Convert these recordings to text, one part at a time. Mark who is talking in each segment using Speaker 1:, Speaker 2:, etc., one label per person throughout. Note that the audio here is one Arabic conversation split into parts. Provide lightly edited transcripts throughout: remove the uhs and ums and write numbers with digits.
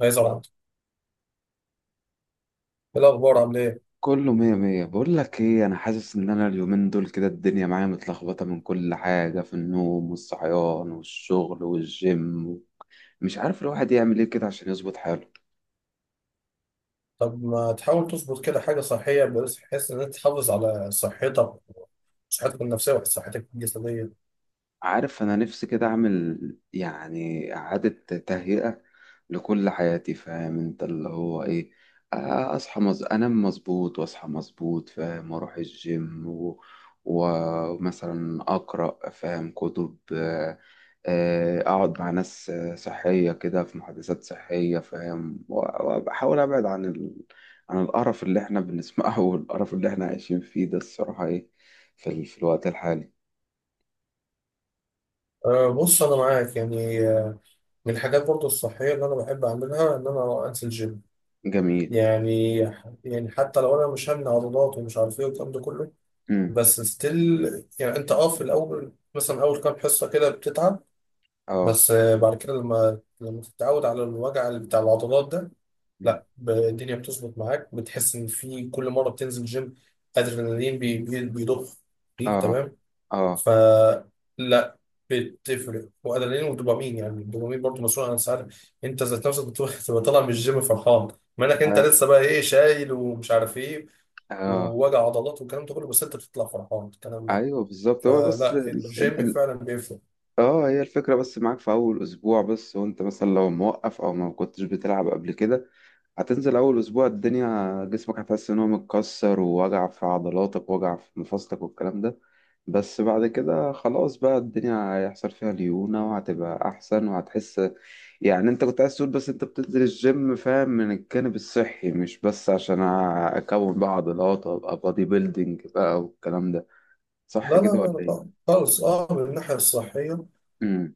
Speaker 1: عايز اقعد. ايه الاخبار؟ عامل ايه؟
Speaker 2: كله مية مية، بقول لك ايه، انا حاسس ان انا اليومين دول كده الدنيا معايا متلخبطة من كل حاجة، في النوم والصحيان والشغل والجيم. مش عارف الواحد يعمل ايه كده عشان يظبط حاله.
Speaker 1: طب ما تحاول تظبط كده حاجه صحيه، بس بحيث ان انت تحافظ على صحتك، صحتك النفسيه وصحتك الجسديه.
Speaker 2: عارف انا نفسي كده اعمل يعني اعادة تهيئة لكل حياتي، فاهم انت اللي هو ايه. اصحى انام مظبوط واصحى مظبوط، فاهم، واروح الجيم ومثلا اقرا، فاهم، كتب، اقعد مع ناس صحية كده، في محادثات صحية، فاهم، و- وبحاول ابعد عن عن القرف اللي احنا بنسمعه والقرف اللي احنا عايشين فيه ده، الصراحة، ايه في، في الوقت الحالي.
Speaker 1: أه، بص انا معاك، يعني من الحاجات برضو الصحيه اللي انا بحب اعملها ان انا انزل جيم.
Speaker 2: جميل.
Speaker 1: يعني يعني حتى لو انا مش همنع عضلات ومش عارف ايه والكلام ده كله، بس ستيل يعني انت اه في الاول، مثلا اول كام حصه كده بتتعب،
Speaker 2: اه.
Speaker 1: بس بعد كده لما تتعود على الوجع اللي بتاع العضلات ده،
Speaker 2: مم.
Speaker 1: لا الدنيا بتظبط معاك، بتحس ان في كل مره بتنزل جيم ادرينالين بيضخ فيك،
Speaker 2: اه،
Speaker 1: تمام.
Speaker 2: اه،
Speaker 1: ف لا، بتفرق، وادرينالين ودوبامين، يعني الدوبامين برضه مسؤول عن السعاده. انت ذات نفسك بتروح تبقى طالع من الجيم فرحان، ما انك انت
Speaker 2: اه.
Speaker 1: لسه بقى ايه، شايل ومش عارف ايه
Speaker 2: آه.
Speaker 1: ووجع عضلات والكلام ده كله، بس انت بتطلع فرحان الكلام ده.
Speaker 2: ايوه بالظبط، هو بس
Speaker 1: فلا،
Speaker 2: ال...
Speaker 1: الجيم
Speaker 2: ال...
Speaker 1: فعلا بيفرق.
Speaker 2: اه هي الفكره، بس معاك في اول اسبوع بس، وانت مثلا لو موقف او ما كنتش بتلعب قبل كده، هتنزل أول أسبوع الدنيا، جسمك هتحس إن هو متكسر، ووجع في عضلاتك ووجع في مفاصلك والكلام ده. بس بعد كده خلاص بقى الدنيا هيحصل فيها ليونة وهتبقى أحسن وهتحس. يعني أنت كنت عايز تقول بس أنت بتنزل الجيم، فاهم، من الجانب الصحي، مش بس عشان أكون بقى عضلات وأبقى بادي بيلدينج بقى والكلام ده.
Speaker 1: لا
Speaker 2: صح
Speaker 1: لا
Speaker 2: كده ولا
Speaker 1: لا لا،
Speaker 2: إيه؟
Speaker 1: خالص اه، من الناحيه الصحيه.
Speaker 2: أمم.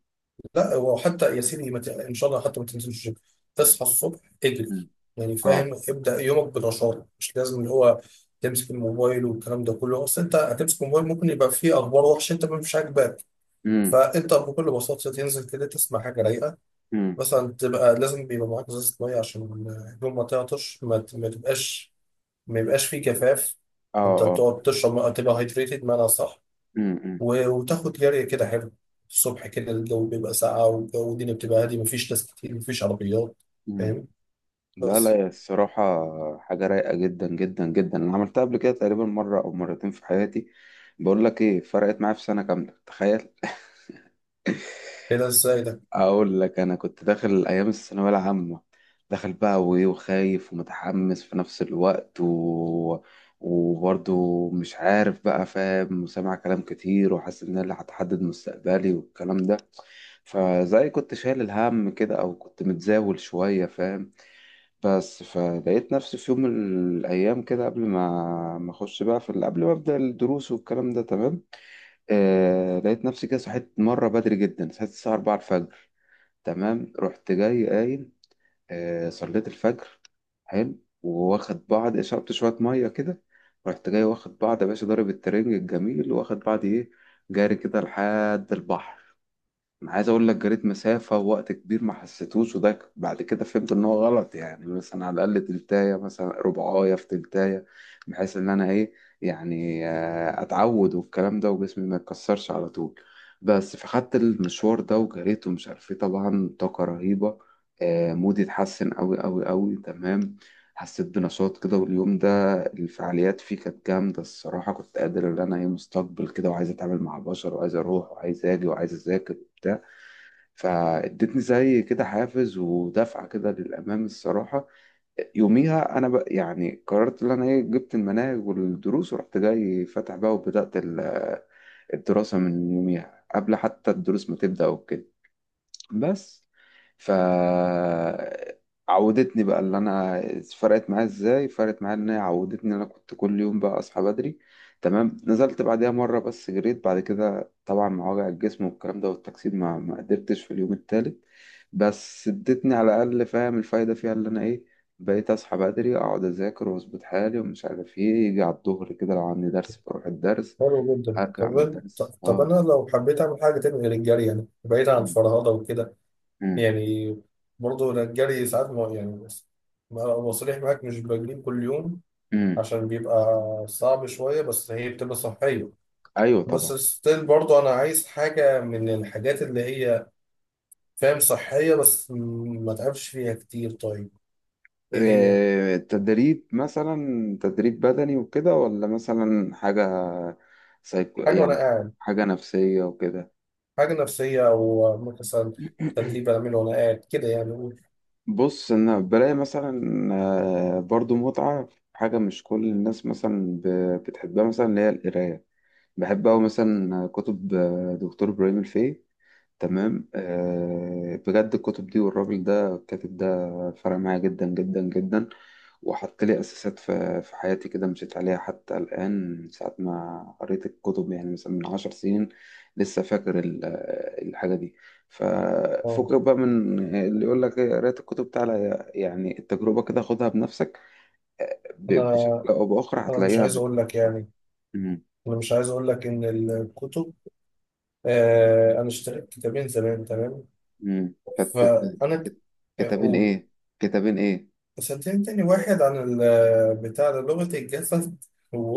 Speaker 1: لا، هو حتى يا سيدي ما ت- ان شاء الله حتى ما تنزلش الجيم، تصحى الصبح اجري.
Speaker 2: أمم.
Speaker 1: يعني
Speaker 2: أه.
Speaker 1: فاهم، ابدا يومك بالرشاقه، مش لازم اللي هو تمسك الموبايل والكلام ده كله، اصل انت هتمسك الموبايل ممكن يبقى فيه اخبار وحشه انت مش عاجباك.
Speaker 2: أمم.
Speaker 1: فانت بكل بساطه تنزل كده، تسمع حاجه رايقه،
Speaker 2: أمم.
Speaker 1: مثلا. تبقى لازم بيبقى معاك ازازه ميه عشان اليوم ما تعطش، ما تبقاش، ما يبقاش فيه جفاف.
Speaker 2: أه،
Speaker 1: انت
Speaker 2: أه.
Speaker 1: بتقعد تشرب ميه، تبقى هايدريتد بمعنى صح.
Speaker 2: أمم.
Speaker 1: وتاخد جري كده حلو الصبح، كده الجو بيبقى ساقع، والجو الدنيا بتبقى هادي، مفيش ناس كتير، مفيش عربيات،
Speaker 2: أمم.
Speaker 1: فاهم؟
Speaker 2: لا لا،
Speaker 1: بس
Speaker 2: هي الصراحة حاجة رايقة جدا جدا جدا. أنا عملتها قبل كده تقريبا مرة أو مرتين في حياتي. بقول لك إيه، فرقت معايا في سنة كاملة، تخيل.
Speaker 1: كده، ازاي ده؟
Speaker 2: أقول لك، أنا كنت داخل أيام الثانوية العامة. داخل بقى، وإيه، وخايف ومتحمس في نفس الوقت وبرضه مش عارف بقى، فاهم، وسامع كلام كتير وحاسس إن أنا اللي هتحدد مستقبلي والكلام ده. فزي كنت شايل الهم كده، أو كنت متزاول شوية، فاهم. بس فلقيت نفسي في يوم من الأيام كده، قبل ما أخش بقى في قبل ما أبدأ الدروس والكلام ده، تمام. آه، لقيت نفسي كده صحيت مرة بدري جدا، صحيت الساعة 4 الفجر، تمام. رحت جاي قايم، آه، صليت الفجر، حلو، واخد بعض شربت شوية مية كده، رحت جاي واخد بعض يا باشا، ضارب الترنج الجميل، واخد بعض إيه، جاري كده لحد البحر. انا عايز اقول لك، جريت مسافه ووقت كبير ما حسيتوش، وده بعد كده فهمت ان هو غلط، يعني مثلا على الاقل تلتايه، مثلا ربعايه في تلتايه، بحيث ان انا ايه، يعني اتعود والكلام ده وجسمي ما يتكسرش على طول. بس فخدت المشوار ده وجريت ومش عارف ايه، طبعا طاقه رهيبه، مودي اتحسن قوي قوي قوي، تمام. حسيت بنشاط كده، واليوم ده الفعاليات فيه كانت جامدة الصراحة، كنت قادر إن أنا إيه، مستقبل كده وعايز أتعامل مع بشر وعايز أروح وعايز أجي وعايز أذاكر وبتاع. فادتني زي كده حافز ودفعة كده للأمام الصراحة. يوميها أنا بقى يعني قررت إن أنا إيه، جبت المناهج والدروس ورحت جاي فاتح بقى، وبدأت الدراسة من يوميها قبل حتى الدروس ما تبدأ وكده. بس. ف عودتني بقى اللي انا، فرقت معايا ازاي؟ فرقت معايا ان هي عودتني إن انا كنت كل يوم بقى اصحى بدري، تمام. نزلت بعدها مره بس جريت بعد كده، طبعا مع وجع الجسم والكلام ده والتكسيد ما قدرتش في اليوم التالت. بس ادتني على الاقل، فاهم، الفايده فيها اللي انا ايه، بقيت اصحى بدري، اقعد اذاكر واظبط حالي ومش عارف ايه، يجي على الظهر كده لو عندي درس بروح الدرس،
Speaker 1: حلو جدا.
Speaker 2: ارجع
Speaker 1: طب
Speaker 2: من
Speaker 1: أنا- طب
Speaker 2: الدرس.
Speaker 1: طب
Speaker 2: اه.
Speaker 1: انا لو حبيت اعمل حاجه تانية غير الجري، يعني بعيد عن الفرهده وكده،
Speaker 2: امم.
Speaker 1: يعني برضه أنا الجري ساعات ما يعني، بس أبقى صريح معاك، مش بجري كل يوم،
Speaker 2: امم.
Speaker 1: عشان بيبقى صعب شويه، بس هي بتبقى صحيه.
Speaker 2: ايوه
Speaker 1: بس
Speaker 2: طبعا.
Speaker 1: ستيل برضه انا عايز حاجه من الحاجات اللي هي فاهم صحية، بس ما تعبش فيها كتير. طيب ايه هي؟
Speaker 2: تدريب مثلا، تدريب بدني وكده؟ ولا مثلا حاجة سايكو
Speaker 1: حاجة وانا
Speaker 2: يعني،
Speaker 1: قاعد،
Speaker 2: حاجة نفسية وكده؟
Speaker 1: حاجة نفسية، او مثلا تدريب اعمله وانا قاعد كده، يعني أقول
Speaker 2: بص انا بلاقي مثلا برضو متعة في حاجة مش كل الناس مثلا بتحبها، مثلا اللي هي القراية. بحب أوي مثلا كتب دكتور إبراهيم الفقي. تمام، آه، بجد الكتب دي والراجل ده، الكاتب ده فرق معايا جدا جدا جدا. وحط لي أساسات في حياتي كده مشيت عليها حتى الآن، من ساعة ما قريت الكتب، يعني مثلا من 10 سنين لسه فاكر الحاجة دي.
Speaker 1: آه،
Speaker 2: ففكك بقى من اللي يقول لك إيه، قريت الكتب، تعالى يعني التجربة كده خدها بنفسك.
Speaker 1: انا
Speaker 2: بشكل أو بآخر
Speaker 1: مش
Speaker 2: هتلاقيها
Speaker 1: عايز
Speaker 2: بت...
Speaker 1: اقول لك يعني،
Speaker 2: مم.
Speaker 1: انا مش عايز اقول لك ان الكتب، آه انا اشتريت كتابين زمان، تمام.
Speaker 2: مم. كانت كانت-
Speaker 1: فانا ك-
Speaker 2: كتابين
Speaker 1: اقول،
Speaker 2: إيه؟ كتابين إيه؟
Speaker 1: صدقني، تاني واحد عن بتاع ده، لغة الجسد،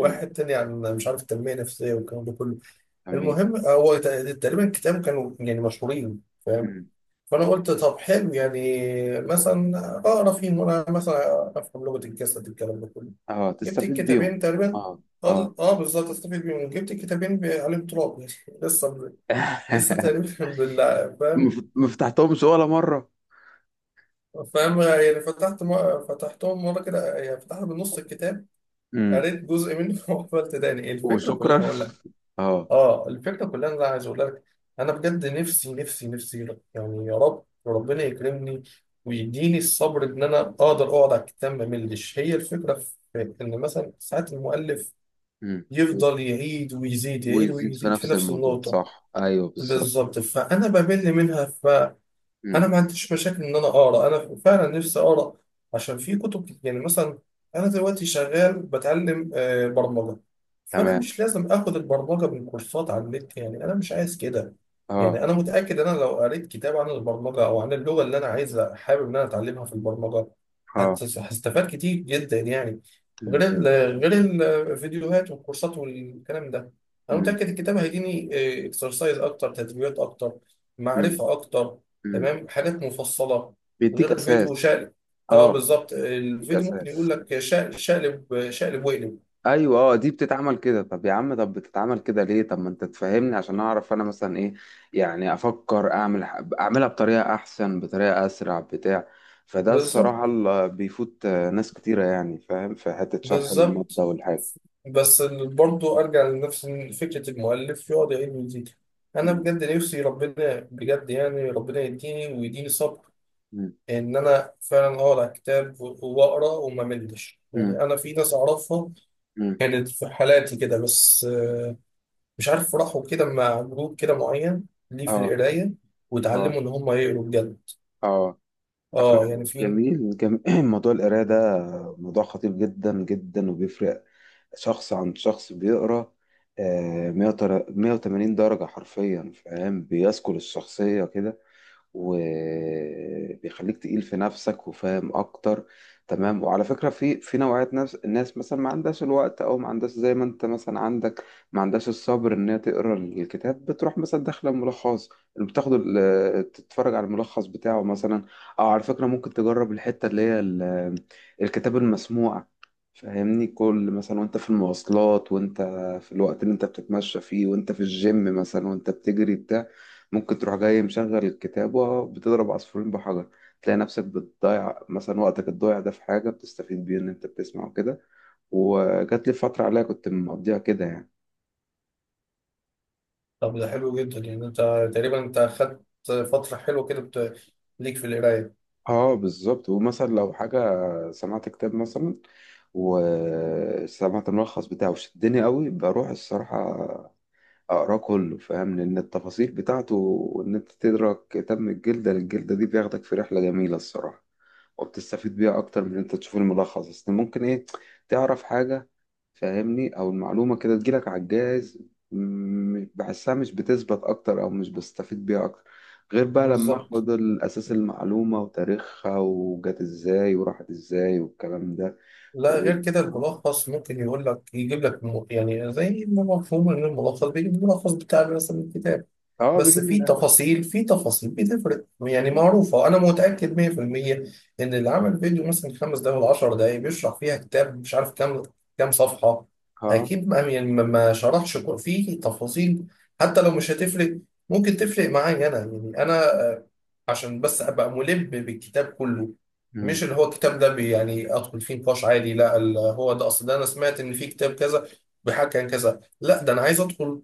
Speaker 2: مم.
Speaker 1: تاني عن مش عارف التنمية النفسية والكلام ده كله.
Speaker 2: تمام.
Speaker 1: المهم هو تقريبا كتاب كانوا يعني مشهورين، فاهم؟
Speaker 2: مم.
Speaker 1: فانا قلت طب حلو يعني، مثلا اقرا فيهم، وانا مثلا افهم لغه الجسد الكلام ده كله.
Speaker 2: اه،
Speaker 1: جبت
Speaker 2: تستفيد
Speaker 1: الكتابين
Speaker 2: بيهم.
Speaker 1: تقريبا.
Speaker 2: اه،
Speaker 1: اه
Speaker 2: اه.
Speaker 1: بالظبط، استفيد بيهم. جبت الكتابين عليهم تراب يعني لسه لسه تقريبا فاهم؟
Speaker 2: مفتحتهمش ولا مرة؟
Speaker 1: فاهم يعني، فتحتهم مره كده، يعني فتحت بنص الكتاب،
Speaker 2: مم.
Speaker 1: قريت جزء منه وقفلت تاني. الفكره كلها
Speaker 2: وشكرا.
Speaker 1: اقول لك،
Speaker 2: اه.
Speaker 1: اه الفكره كلها إن انا عايز اقول لك انا بجد نفسي يعني، يا رب ربنا يكرمني ويديني الصبر ان انا اقدر اقعد على الكتاب ما ملش. هي الفكره في ان مثلا ساعات المؤلف
Speaker 2: مم. مم.
Speaker 1: يفضل يعيد ويزيد يعيد
Speaker 2: ويزيد في
Speaker 1: ويزيد في
Speaker 2: نفس
Speaker 1: نفس
Speaker 2: الموضوع،
Speaker 1: النقطه.
Speaker 2: صح، ايوه بالظبط.
Speaker 1: بالظبط، فانا بمل منها. انا
Speaker 2: مم.
Speaker 1: ما عنديش مشاكل ان انا اقرا، انا فعلا نفسي اقرا، عشان في يعني مثلا انا دلوقتي شغال بتعلم برمجه، فانا
Speaker 2: تمام.
Speaker 1: مش لازم اخد البرمجه من كورسات على النت، يعني انا مش عايز كده.
Speaker 2: اه.
Speaker 1: يعني انا متاكد انا لو قريت كتاب عن البرمجه او عن اللغه اللي انا عايزه حابب ان انا اتعلمها في البرمجه،
Speaker 2: اه.
Speaker 1: هستفاد كتير جدا يعني، غير
Speaker 2: مم.
Speaker 1: ال غير الفيديوهات والكورسات والكلام ده. انا
Speaker 2: مم.
Speaker 1: متاكد الكتاب هيديني اكسرسايز اكتر، تدريبات اكتر،
Speaker 2: مم.
Speaker 1: معرفه اكتر،
Speaker 2: مم.
Speaker 1: تمام، حاجات مفصله، غير
Speaker 2: بيديك
Speaker 1: الفيديو
Speaker 2: اساس.
Speaker 1: شقلب. اه
Speaker 2: اه.
Speaker 1: بالظبط،
Speaker 2: بيديك
Speaker 1: الفيديو ممكن
Speaker 2: اساس.
Speaker 1: يقول لك شقلب شقلب شقلب واقلب.
Speaker 2: ايوه اه، دي بتتعمل كده، طب يا عم طب بتتعمل كده ليه؟ طب ما انت تفهمني عشان اعرف انا مثلا ايه، يعني افكر اعمل اعملها بطريقه احسن، بطريقه اسرع، بتاع. فده
Speaker 1: بالظبط
Speaker 2: الصراحه اللي بيفوت ناس كتيره، يعني فاهم، في حته شرح الماده
Speaker 1: بالظبط.
Speaker 2: والحاجه.
Speaker 1: بس برضه ارجع لنفس فكره المؤلف يقعد يعيد ويزيد. انا
Speaker 2: مم.
Speaker 1: بجد نفسي ربنا، بجد يعني ربنا يديني صبر
Speaker 2: مم.
Speaker 1: ان انا فعلا اقرا كتاب واقرا وما ملش.
Speaker 2: مم.
Speaker 1: يعني انا في ناس اعرفها
Speaker 2: مم.
Speaker 1: كانت في حالاتي كده، بس مش عارف راحوا كده مع جروب كده معين ليه في
Speaker 2: اه،
Speaker 1: القراية،
Speaker 2: اه،
Speaker 1: وتعلموا إن هم يقروا بجد.
Speaker 2: اه. على
Speaker 1: اه
Speaker 2: فكرة،
Speaker 1: يعني في،
Speaker 2: جميل جميل. موضوع القرايه ده موضوع خطير جدا جدا، وبيفرق شخص عن شخص بيقرا آه، 180 درجة حرفيا، فاهم، بيسكل الشخصية كده، وبيخليك تقيل في نفسك وفاهم اكتر. تمام. وعلى فكرة، في نوعية ناس، الناس مثلا ما عندهاش الوقت، او ما عندهاش زي ما انت مثلا عندك، ما عندهاش الصبر ان هي تقرا الكتاب، بتروح مثلا داخله ملخص، بتاخد تتفرج على الملخص بتاعه مثلا. او على فكرة، ممكن تجرب الحتة اللي هي الكتاب المسموع. فاهمني، كل مثلا وانت في المواصلات، وانت في الوقت اللي انت بتتمشى فيه، وانت في الجيم مثلا وانت بتجري، بتاع، ممكن تروح جاي مشغل الكتابة، بتضرب عصفورين بحجر. تلاقي نفسك بتضيع مثلا وقتك الضايع ده في حاجة بتستفيد بيه، إن أنت بتسمع وكده. وجات لي فترة عليها كنت مقضيها كده يعني.
Speaker 1: طب ده حلو جدا. يعني انت تقريبا انت خدت فترة حلوة ليك في القراية.
Speaker 2: اه بالظبط. ومثلا لو حاجة سمعت كتاب مثلا وسمعت الملخص بتاعه وشدني قوي، بروح الصراحة أقراه كله، فاهم، لأن التفاصيل بتاعته، وإن أنت تدرك كتاب من الجلدة للجلدة، دي بياخدك في رحلة جميلة الصراحة. وبتستفيد بيها اكتر من إن انت تشوف الملخص بس. ممكن ايه، تعرف حاجة، فاهمني، او المعلومة كده تجيلك على الجاهز، بحسها مش بتثبت اكتر، او مش بستفيد بيها اكتر، غير بقى لما
Speaker 1: بالظبط.
Speaker 2: اخد الاساس، المعلومة وتاريخها، وجت ازاي وراحت ازاي والكلام ده.
Speaker 1: لا
Speaker 2: و...
Speaker 1: غير كده،
Speaker 2: اه.
Speaker 1: الملخص ممكن يقول لك يعني زي ما مفهوم ان الملخص بيجيب الملخص بتاع مثلا الكتاب، بس
Speaker 2: بيجيب من
Speaker 1: في
Speaker 2: الاخر.
Speaker 1: تفاصيل، في تفاصيل بتفرق يعني، معروفة. أنا متأكد 100% إن اللي عمل فيديو مثلا خمس دقايق ولا 10 دقايق بيشرح فيها كتاب مش عارف كام، صفحة،
Speaker 2: اه.
Speaker 1: أكيد ما يعني ما شرحش في تفاصيل. حتى لو مش هتفرق، ممكن تفرق معايا أنا يعني، أنا آه، عشان بس أبقى ملم بالكتاب كله، مش اللي هو الكتاب ده يعني أدخل فيه نقاش عادي، لا هو ده، أصل ده أنا سمعت إن في كتاب كذا بيحكي عن كذا، لا ده أنا عايز أدخل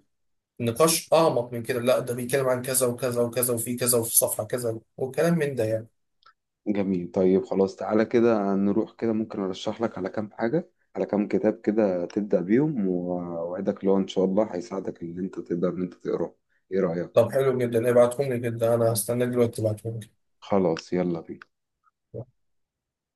Speaker 1: نقاش أعمق من كده، لا ده بيتكلم عن كذا وكذا وكذا، وفي كذا، وفي صفحة كذا، وكلام من ده يعني.
Speaker 2: جميل. طيب خلاص، تعالى كده نروح كده ممكن ارشح لك على كام حاجة، على كام كتاب كده تبدأ بيهم، واوعدك لو ان شاء الله هيساعدك ان انت تقدر ان انت تقراه. ايه رأيك؟
Speaker 1: طب حلو جدا، ابعتهم لي. جدا أنا هستناك دلوقتي تبعتهم لي.
Speaker 2: خلاص، يلا بينا.